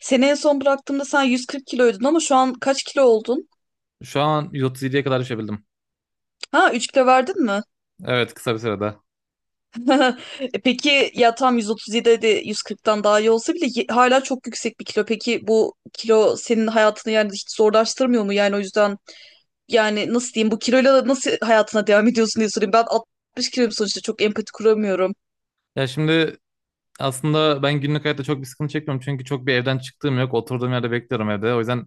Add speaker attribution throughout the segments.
Speaker 1: Seni en son bıraktığımda sen 140 kiloydun ama şu an kaç kilo oldun?
Speaker 2: Şu an 137'ye kadar düşebildim.
Speaker 1: Ha, 3 kilo verdin mi?
Speaker 2: Evet, kısa bir sürede.
Speaker 1: E, peki ya tam 137 de 140'tan daha iyi olsa bile hala çok yüksek bir kilo. Peki bu kilo senin hayatını yani hiç zorlaştırmıyor mu? Yani o yüzden, yani nasıl diyeyim bu kiloyla nasıl hayatına devam ediyorsun diye sorayım. Ben 60 kiloyum sonuçta çok empati kuramıyorum.
Speaker 2: Şimdi aslında ben günlük hayatta çok bir sıkıntı çekmiyorum. Çünkü çok bir evden çıktığım yok. Oturduğum yerde bekliyorum evde. O yüzden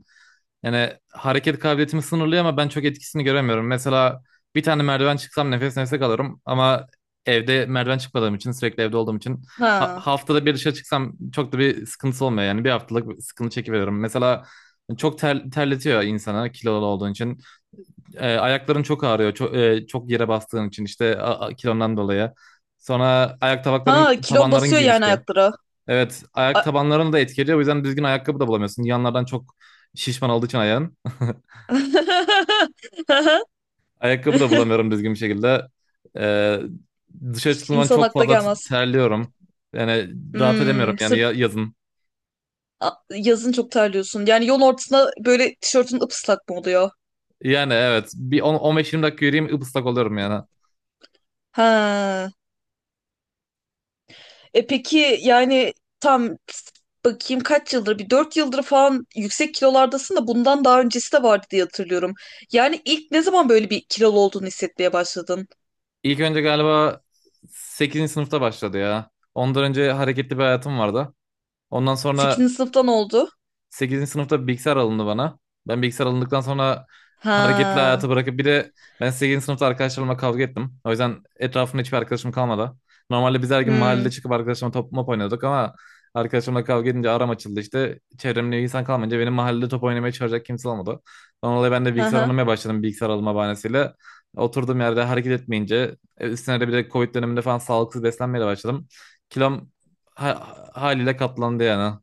Speaker 2: yani hareket kabiliyetimi sınırlıyor ama ben çok etkisini göremiyorum. Mesela bir tane merdiven çıksam nefes nefese kalırım. Ama evde merdiven çıkmadığım için, sürekli evde olduğum için
Speaker 1: Ha.
Speaker 2: haftada bir dışarı çıksam çok da bir sıkıntısı olmuyor. Yani bir haftalık bir sıkıntı çekiveriyorum. Mesela çok terletiyor insana kilolu olduğun için. Ayakların çok ağrıyor. Çok, çok yere bastığın için işte kilondan dolayı. Sonra ayak
Speaker 1: Ha, kilon
Speaker 2: tabanların
Speaker 1: basıyor yani
Speaker 2: genişliği.
Speaker 1: ayaklara.
Speaker 2: Evet, ayak
Speaker 1: A-
Speaker 2: tabanlarını da etkiliyor. O yüzden düzgün ayakkabı da bulamıyorsun. Yanlardan çok şişman olduğu için ayağın. Ayakkabı da bulamıyorum düzgün bir şekilde. E, Dışarı çıktığım zaman
Speaker 1: İnsan
Speaker 2: çok
Speaker 1: akla
Speaker 2: fazla
Speaker 1: gelmez.
Speaker 2: terliyorum. Yani rahat edemiyorum
Speaker 1: Hmm.
Speaker 2: yani yazın.
Speaker 1: Yazın çok terliyorsun. Yani yol ortasında böyle tişörtün ıslak mı oluyor?
Speaker 2: Yani evet, bir 10 15-20 dakika yürüyeyim, ıslak oluyorum yani.
Speaker 1: Ha. E, peki yani, tam bakayım, kaç yıldır, bir 4 yıldır falan yüksek kilolardasın da bundan daha öncesi de vardı diye hatırlıyorum. Yani ilk ne zaman böyle bir kilolu olduğunu hissetmeye başladın?
Speaker 2: İlk önce galiba sekizinci sınıfta başladı ya. Ondan önce hareketli bir hayatım vardı. Ondan sonra
Speaker 1: Sekizinci sınıftan oldu.
Speaker 2: sekizinci sınıfta bilgisayar alındı bana. Ben bilgisayar alındıktan sonra hareketli
Speaker 1: Ha.
Speaker 2: hayatı bırakıp, bir de ben sekizinci sınıfta arkadaşlarımla kavga ettim. O yüzden etrafımda hiçbir arkadaşım kalmadı. Normalde biz her gün mahallede
Speaker 1: Hmm.
Speaker 2: çıkıp arkadaşlarımla top mop oynuyorduk ama arkadaşlarımla kavga edince aram açıldı işte. Çevremde insan kalmayınca benim mahallede top oynamaya çağıracak kimse olmadı. Ondan dolayı ben de bilgisayar
Speaker 1: Ha.
Speaker 2: oynamaya başladım, bilgisayar alma bahanesiyle. Oturduğum yerde hareket etmeyince, üstüne de bir de Covid döneminde falan sağlıksız beslenmeye de başladım. Kilom ha- haliyle katlandı yani.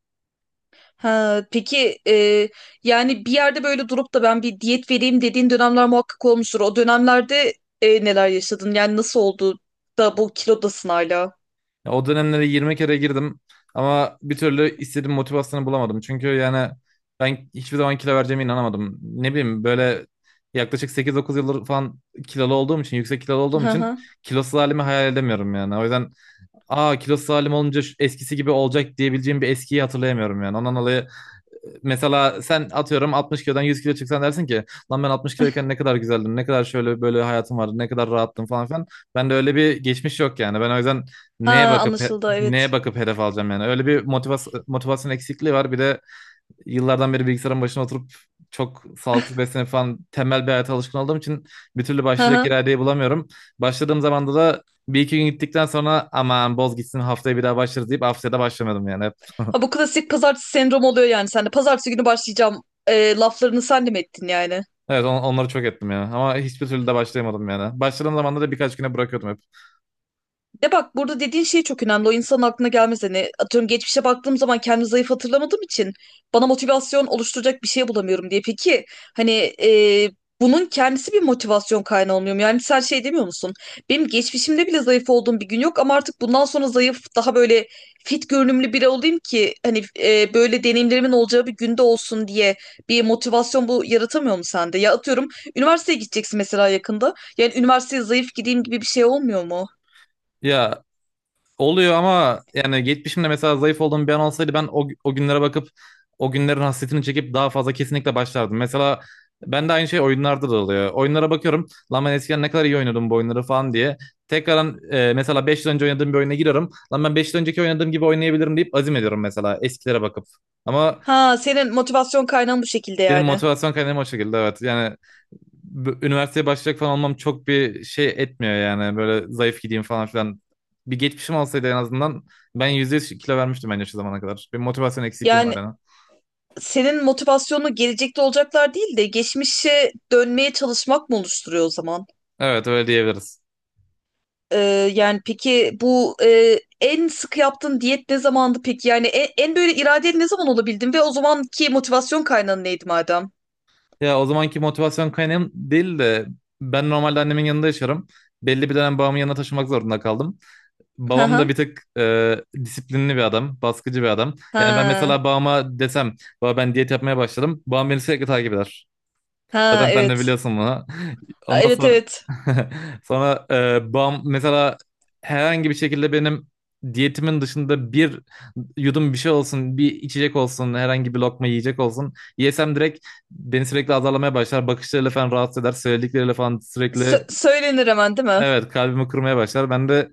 Speaker 1: Ha, peki, yani bir yerde böyle durup da ben bir diyet vereyim dediğin dönemler muhakkak olmuştur. O dönemlerde neler yaşadın? Yani nasıl oldu da bu kilodasın hala?
Speaker 2: Ya, o dönemlere 20 kere girdim ama bir türlü istediğim motivasyonu bulamadım. Çünkü yani ben hiçbir zaman kilo vereceğime inanamadım. Ne bileyim, böyle yaklaşık 8-9 yıldır falan kilolu olduğum için, yüksek kilolu olduğum
Speaker 1: Hı
Speaker 2: için
Speaker 1: hı.
Speaker 2: kilosuz halimi hayal edemiyorum yani. O yüzden, aa, kilosuz halim olunca eskisi gibi olacak diyebileceğim bir eskiyi hatırlayamıyorum yani. Ondan dolayı mesela sen atıyorum 60 kilodan 100 kilo çıksan dersin ki lan, ben 60 kiloyken ne kadar güzeldim, ne kadar şöyle böyle hayatım vardı, ne kadar rahattım falan filan. Ben de öyle bir geçmiş yok yani. Ben o yüzden neye
Speaker 1: Ha,
Speaker 2: bakıp,
Speaker 1: anlaşıldı,
Speaker 2: neye
Speaker 1: evet.
Speaker 2: bakıp hedef alacağım yani. Öyle bir motivasyon eksikliği var. Bir de yıllardan beri bilgisayarın başına oturup çok sağlıksız beslenip falan tembel bir hayata alışkın olduğum için bir türlü
Speaker 1: Hı
Speaker 2: başlayacak
Speaker 1: hı.
Speaker 2: iradeyi bulamıyorum. Başladığım zamanda da bir iki gün gittikten sonra aman, boz gitsin, haftaya bir daha başlarız deyip haftaya da başlamadım yani. Hep.
Speaker 1: Ha, bu klasik pazartesi sendromu oluyor yani sende. Pazartesi günü başlayacağım laflarını sen de mi ettin yani?
Speaker 2: Evet, onları çok ettim yani. Ama hiçbir türlü de başlayamadım yani. Başladığım zaman da birkaç güne bırakıyordum hep.
Speaker 1: De bak, burada dediğin şey çok önemli. O insanın aklına gelmez. Hani atıyorum, geçmişe baktığım zaman kendimi zayıf hatırlamadığım için bana motivasyon oluşturacak bir şey bulamıyorum diye. Peki hani, e, bunun kendisi bir motivasyon kaynağı olmuyor mu? Yani sen şey demiyor musun? Benim geçmişimde bile zayıf olduğum bir gün yok ama artık bundan sonra zayıf, daha böyle fit görünümlü biri olayım ki hani, böyle deneyimlerimin olacağı bir günde olsun diye bir motivasyon bu yaratamıyor mu sende? Ya atıyorum üniversiteye gideceksin mesela yakında. Yani üniversiteye zayıf gideyim gibi bir şey olmuyor mu?
Speaker 2: Ya, oluyor ama yani geçmişimde mesela zayıf olduğum bir an olsaydı ben o günlere bakıp, o günlerin hasretini çekip daha fazla kesinlikle başlardım. Mesela ben de aynı şey oyunlarda da oluyor. Oyunlara bakıyorum, lan ben eskiden ne kadar iyi oynuyordum bu oyunları falan diye. Tekrardan, mesela 5 yıl önce oynadığım bir oyuna giriyorum. Lan, ben 5 yıl önceki oynadığım gibi oynayabilirim deyip azim ediyorum mesela eskilere bakıp. Ama
Speaker 1: Ha, senin motivasyon kaynağın bu şekilde
Speaker 2: benim
Speaker 1: yani.
Speaker 2: motivasyon kaynağım o şekilde, evet. Yani üniversiteye başlayacak falan olmam çok bir şey etmiyor yani. Böyle zayıf gideyim falan filan. Bir geçmişim olsaydı en azından ben %100 kilo vermiştim bence şu zamana kadar. Bir motivasyon eksikliğim var
Speaker 1: Yani
Speaker 2: yani.
Speaker 1: senin motivasyonu gelecekte olacaklar değil de geçmişe dönmeye çalışmak mı oluşturuyor o zaman?
Speaker 2: Evet, öyle diyebiliriz.
Speaker 1: Ee, yani peki bu, en sık yaptığın diyet ne zamandı peki? Yani en böyle iradeli ne zaman olabildin ve o zamanki motivasyon kaynağın neydi madem?
Speaker 2: Ya, o zamanki motivasyon kaynağım değil de, ben normalde annemin yanında yaşarım. Belli bir dönem babamın yanına taşımak zorunda kaldım.
Speaker 1: Ha
Speaker 2: Babam
Speaker 1: ha.
Speaker 2: da bir tık disiplinli bir adam, baskıcı bir adam. Yani ben
Speaker 1: Ha.
Speaker 2: mesela babama desem, baba ben diyet yapmaya başladım, babam beni sürekli takip eder.
Speaker 1: Ha,
Speaker 2: Zaten sen de
Speaker 1: evet.
Speaker 2: biliyorsun bunu. Ondan
Speaker 1: Evet,
Speaker 2: sonra
Speaker 1: evet.
Speaker 2: sonra, bam mesela herhangi bir şekilde benim diyetimin dışında bir yudum bir şey olsun, bir içecek olsun, herhangi bir lokma yiyecek olsun. Yesem direkt beni sürekli azarlamaya başlar. Bakışlarıyla falan rahatsız eder. Söyledikleriyle falan sürekli,
Speaker 1: Söylenir hemen değil mi?
Speaker 2: evet, kalbimi kırmaya başlar. Ben de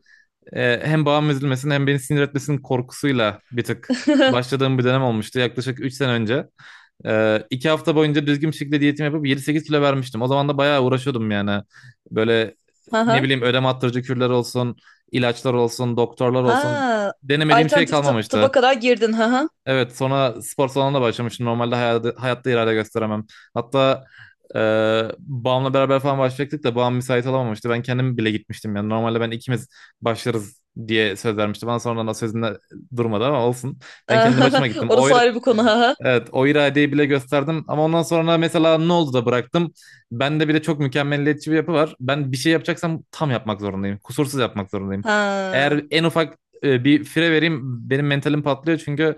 Speaker 2: hem babam üzülmesin hem beni sinir etmesinin korkusuyla bir tık başladığım bir dönem olmuştu yaklaşık 3 sene önce. 2 hafta boyunca düzgün bir şekilde diyetimi yapıp 7-8 kilo vermiştim. O zaman da bayağı uğraşıyordum yani. Böyle,
Speaker 1: Ha
Speaker 2: ne
Speaker 1: ha.
Speaker 2: bileyim, ödem attırıcı kürler olsun, ilaçlar olsun, doktorlar olsun.
Speaker 1: Ha.
Speaker 2: Denemediğim şey
Speaker 1: Alternatif tıba
Speaker 2: kalmamıştı.
Speaker 1: kadar girdin, ha ha.
Speaker 2: Evet, sonra spor salonuna başlamıştım. Normalde hayatta irade gösteremem. Hatta e, babamla beraber falan başlayacaktık da babam müsait olamamıştı. Ben kendim bile gitmiştim yani. Normalde ben ikimiz başlarız diye söz vermişti. Bana sonradan o sözünde durmadı ama olsun. Ben kendi başıma gittim.
Speaker 1: Orası ayrı bir konu, ha.
Speaker 2: Evet, o iradeyi bile gösterdim ama ondan sonra mesela ne oldu da bıraktım. Bende bir de çok mükemmeliyetçi bir yapı var. Ben bir şey yapacaksam tam yapmak zorundayım. Kusursuz yapmak zorundayım.
Speaker 1: Ha.
Speaker 2: Eğer en ufak bir fire vereyim, benim mentalim patlıyor çünkü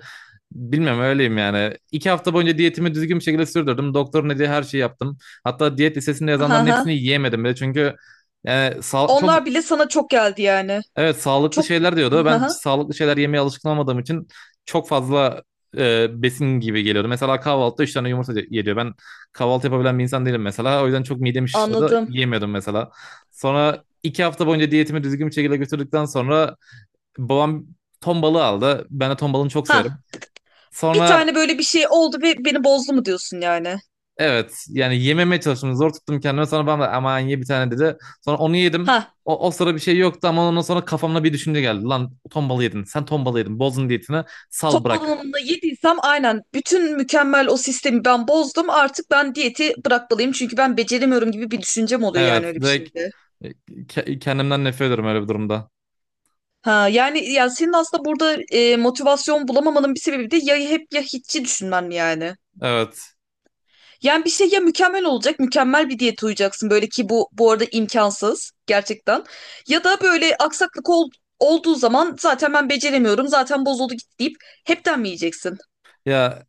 Speaker 2: bilmem öyleyim yani. İki hafta boyunca diyetimi düzgün bir şekilde sürdürdüm. Doktorun dediği her şeyi yaptım. Hatta diyet listesinde
Speaker 1: Ha
Speaker 2: yazanların
Speaker 1: ha.
Speaker 2: hepsini yiyemedim bile çünkü çok.
Speaker 1: Onlar bile sana çok geldi yani.
Speaker 2: Evet, sağlıklı
Speaker 1: Çok,
Speaker 2: şeyler diyordu.
Speaker 1: ha
Speaker 2: Ben hiç
Speaker 1: ha.
Speaker 2: sağlıklı şeyler yemeye alışkın olmadığım için çok fazla besin gibi geliyordu. Mesela kahvaltıda 3 tane yumurta geliyor. Ben kahvaltı yapabilen bir insan değilim mesela. O yüzden çok midem şişiyordu.
Speaker 1: Anladım.
Speaker 2: Yiyemiyordum mesela. Sonra 2 hafta boyunca diyetimi düzgün bir şekilde götürdükten sonra babam ton balığı aldı. Ben de ton balığını çok severim.
Speaker 1: Ha. Bir
Speaker 2: Sonra
Speaker 1: tane böyle bir şey oldu ve beni bozdu mu diyorsun yani?
Speaker 2: evet, yani yememeye çalıştım. Zor tuttum kendime. Sonra bana da aman, ye bir tane, dedi. Sonra onu yedim.
Speaker 1: Ha.
Speaker 2: O sıra bir şey yoktu ama ondan sonra kafamda bir düşünce geldi. Lan, ton balığı yedin. Sen ton balığı yedin. Bozdun diyetini.
Speaker 1: Ton
Speaker 2: Sal, bırak.
Speaker 1: balığını yediysem aynen bütün mükemmel o sistemi ben bozdum. Artık ben diyeti bırakmalıyım çünkü ben beceremiyorum gibi bir düşüncem oluyor yani,
Speaker 2: Evet,
Speaker 1: öyle bir
Speaker 2: direkt
Speaker 1: şeyde.
Speaker 2: kendimden nefret ediyorum öyle bir durumda.
Speaker 1: Ha, yani senin aslında burada motivasyon bulamamanın bir sebebi de ya hep ya hiççi düşünmen mi yani?
Speaker 2: Evet.
Speaker 1: Yani bir şey ya mükemmel olacak, mükemmel bir diyete uyacaksın böyle ki bu arada imkansız gerçekten. Ya da böyle aksaklık olduğu zaman zaten ben beceremiyorum, zaten bozuldu gitti deyip hepten mi yiyeceksin?
Speaker 2: Ya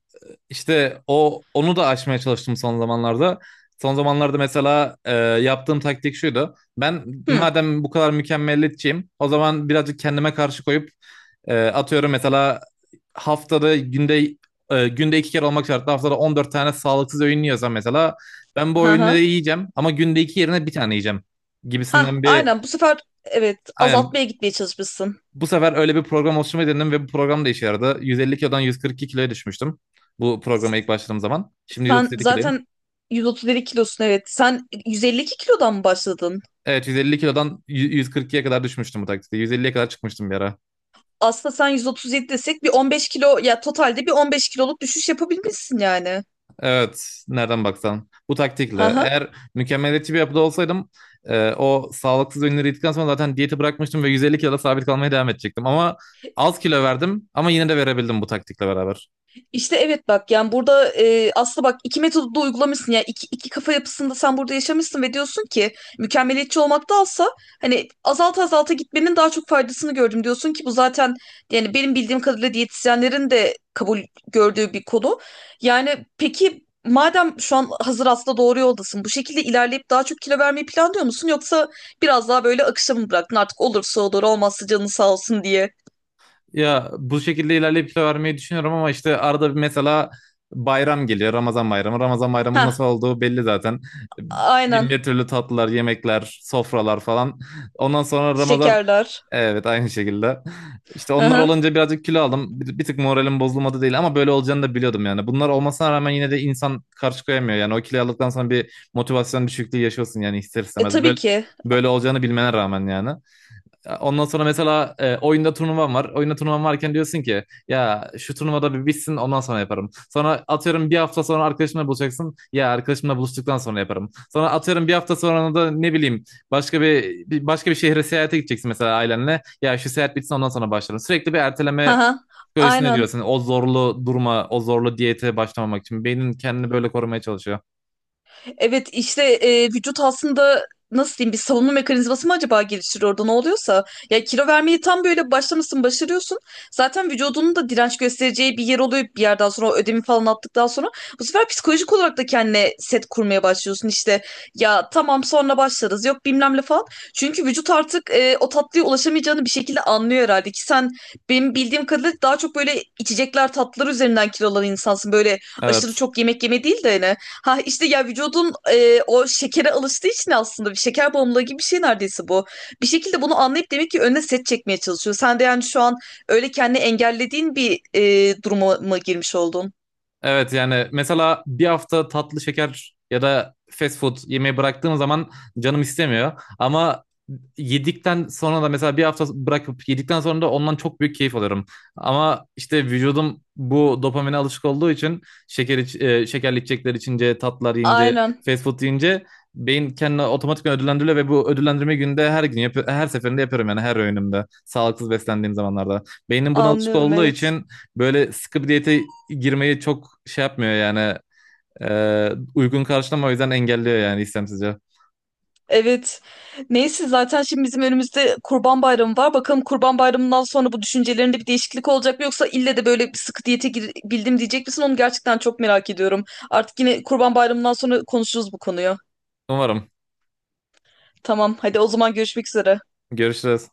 Speaker 2: işte onu da aşmaya çalıştım son zamanlarda. Son zamanlarda mesela, yaptığım taktik şuydu. Ben
Speaker 1: Hmm.
Speaker 2: madem bu kadar mükemmeliyetçiyim, o zaman birazcık kendime karşı koyup, atıyorum mesela, günde, günde iki kere olmak şartla, haftada 14 tane sağlıksız öğün yiyorsam mesela, ben bu
Speaker 1: Ha ha.
Speaker 2: öğünleri yiyeceğim ama günde iki yerine bir tane yiyeceğim
Speaker 1: Ha,
Speaker 2: gibisinden bir.
Speaker 1: aynen bu sefer, evet,
Speaker 2: Aynen,
Speaker 1: azaltmaya gitmeye çalışmışsın.
Speaker 2: bu sefer öyle bir program oluşturmayı denedim ve bu program da işe yaradı. 150 kilodan 142 kiloya düşmüştüm bu programa ilk
Speaker 1: S-
Speaker 2: başladığım zaman. Şimdi
Speaker 1: Sen
Speaker 2: 137 kiloyum.
Speaker 1: zaten 137 kilosun, evet. Sen 152 kilodan mı başladın?
Speaker 2: Evet, 150 kilodan 142'ye kadar düşmüştüm bu taktikte. 150'ye kadar çıkmıştım bir ara.
Speaker 1: Aslında sen 137 desek bir 15 kilo ya, totalde bir 15 kiloluk düşüş yapabilmişsin yani.
Speaker 2: Evet, nereden baksan. Bu taktikle.
Speaker 1: Ha,
Speaker 2: Eğer mükemmeliyetçi bir yapıda olsaydım, o sağlıksız ürünleri yedikten sonra zaten diyeti bırakmıştım ve 150 kiloda sabit kalmaya devam edecektim. Ama az kilo verdim ama yine de verebildim bu taktikle beraber.
Speaker 1: İşte evet, bak yani burada aslında bak iki metodu da uygulamışsın ya, iki kafa yapısında sen burada yaşamışsın ve diyorsun ki mükemmeliyetçi olmaktansa, hani azalta azalta gitmenin daha çok faydasını gördüm diyorsun ki bu zaten yani benim bildiğim kadarıyla diyetisyenlerin de kabul gördüğü bir konu. Yani peki madem şu an hazır aslında doğru yoldasın, bu şekilde ilerleyip daha çok kilo vermeyi planlıyor musun, yoksa biraz daha böyle akışa mı bıraktın artık, olursa olur, olmazsa canın sağ olsun diye.
Speaker 2: Ya, bu şekilde ilerleyip kilo vermeyi düşünüyorum ama işte arada bir mesela bayram geliyor. Ramazan bayramı. Ramazan bayramının
Speaker 1: Heh,
Speaker 2: nasıl olduğu belli zaten. Bin
Speaker 1: aynen,
Speaker 2: bir türlü tatlılar, yemekler, sofralar falan. Ondan sonra Ramazan,
Speaker 1: şekerler.
Speaker 2: evet, aynı şekilde. İşte onlar olunca birazcık kilo aldım. Bir tık moralim bozulmadı değil ama böyle olacağını da biliyordum yani. Bunlar olmasına rağmen yine de insan karşı koyamıyor. Yani o kiloyu aldıktan sonra bir motivasyon düşüklüğü yaşıyorsun yani ister
Speaker 1: E
Speaker 2: istemez.
Speaker 1: tabii ki.
Speaker 2: Böyle olacağını bilmene rağmen yani. Ondan sonra mesela, oyunda turnuvam var. Oyunda turnuvam varken diyorsun ki ya şu turnuvada bir bitsin, ondan sonra yaparım. Sonra atıyorum bir hafta sonra arkadaşımla buluşacaksın. Ya, arkadaşımla buluştuktan sonra yaparım. Sonra atıyorum bir hafta sonra da ne bileyim başka bir, başka bir şehre seyahate gideceksin mesela ailenle. Ya şu seyahat bitsin, ondan sonra başlarım. Sürekli bir erteleme
Speaker 1: Aha,
Speaker 2: psikolojisine
Speaker 1: aynen.
Speaker 2: giriyorsun. O zorlu durma, o zorlu diyete başlamamak için. Beynin kendini böyle korumaya çalışıyor.
Speaker 1: Evet işte vücut aslında nasıl diyeyim, bir savunma mekanizması mı acaba geliştiriyor orada ne oluyorsa. Ya kilo vermeyi tam böyle başlamışsın başarıyorsun. Zaten vücudunun da direnç göstereceği bir yer oluyor bir yerden sonra, o ödemi falan attıktan sonra. Bu sefer psikolojik olarak da kendine set kurmaya başlıyorsun işte. Ya tamam sonra başlarız, yok bilmem ne falan. Çünkü vücut artık o tatlıya ulaşamayacağını bir şekilde anlıyor herhalde ki sen benim bildiğim kadarıyla daha çok böyle içecekler tatlılar üzerinden kilolanan insansın. Böyle aşırı
Speaker 2: Evet.
Speaker 1: çok yemek yeme değil de hani, ha işte ya vücudun o şekere alıştığı için aslında bir şeker bağımlılığı gibi bir şey neredeyse bu. Bir şekilde bunu anlayıp demek ki önüne set çekmeye çalışıyor. Sen de yani şu an öyle kendini engellediğin bir duruma mı girmiş oldun?
Speaker 2: Evet, yani mesela bir hafta tatlı, şeker ya da fast food yemeği bıraktığım zaman canım istemiyor. Ama yedikten sonra da, mesela bir hafta bırakıp yedikten sonra da, ondan çok büyük keyif alıyorum. Ama işte vücudum bu dopamine alışık olduğu için şekerli içecekler içince, tatlılar yiyince,
Speaker 1: Aynen,
Speaker 2: fast food yiyince beyin kendini otomatikman ödüllendiriyor ve bu ödüllendirme günde her gün yap her seferinde yapıyorum yani her öğünümde sağlıksız beslendiğim zamanlarda. Beynin buna alışık
Speaker 1: anlıyorum,
Speaker 2: olduğu
Speaker 1: evet.
Speaker 2: için böyle sıkı bir diyete girmeyi çok şey yapmıyor yani. Uygun karşılamıyor, o yüzden engelliyor yani istemsizce.
Speaker 1: Evet. Neyse zaten şimdi bizim önümüzde Kurban Bayramı var. Bakalım Kurban Bayramı'ndan sonra bu düşüncelerinde bir değişiklik olacak mı, yoksa ille de böyle bir sıkı diyete bildim diyecek misin? Onu gerçekten çok merak ediyorum. Artık yine Kurban Bayramı'ndan sonra konuşuruz bu konuyu.
Speaker 2: Umarım.
Speaker 1: Tamam, hadi o zaman görüşmek üzere.
Speaker 2: Görüşürüz.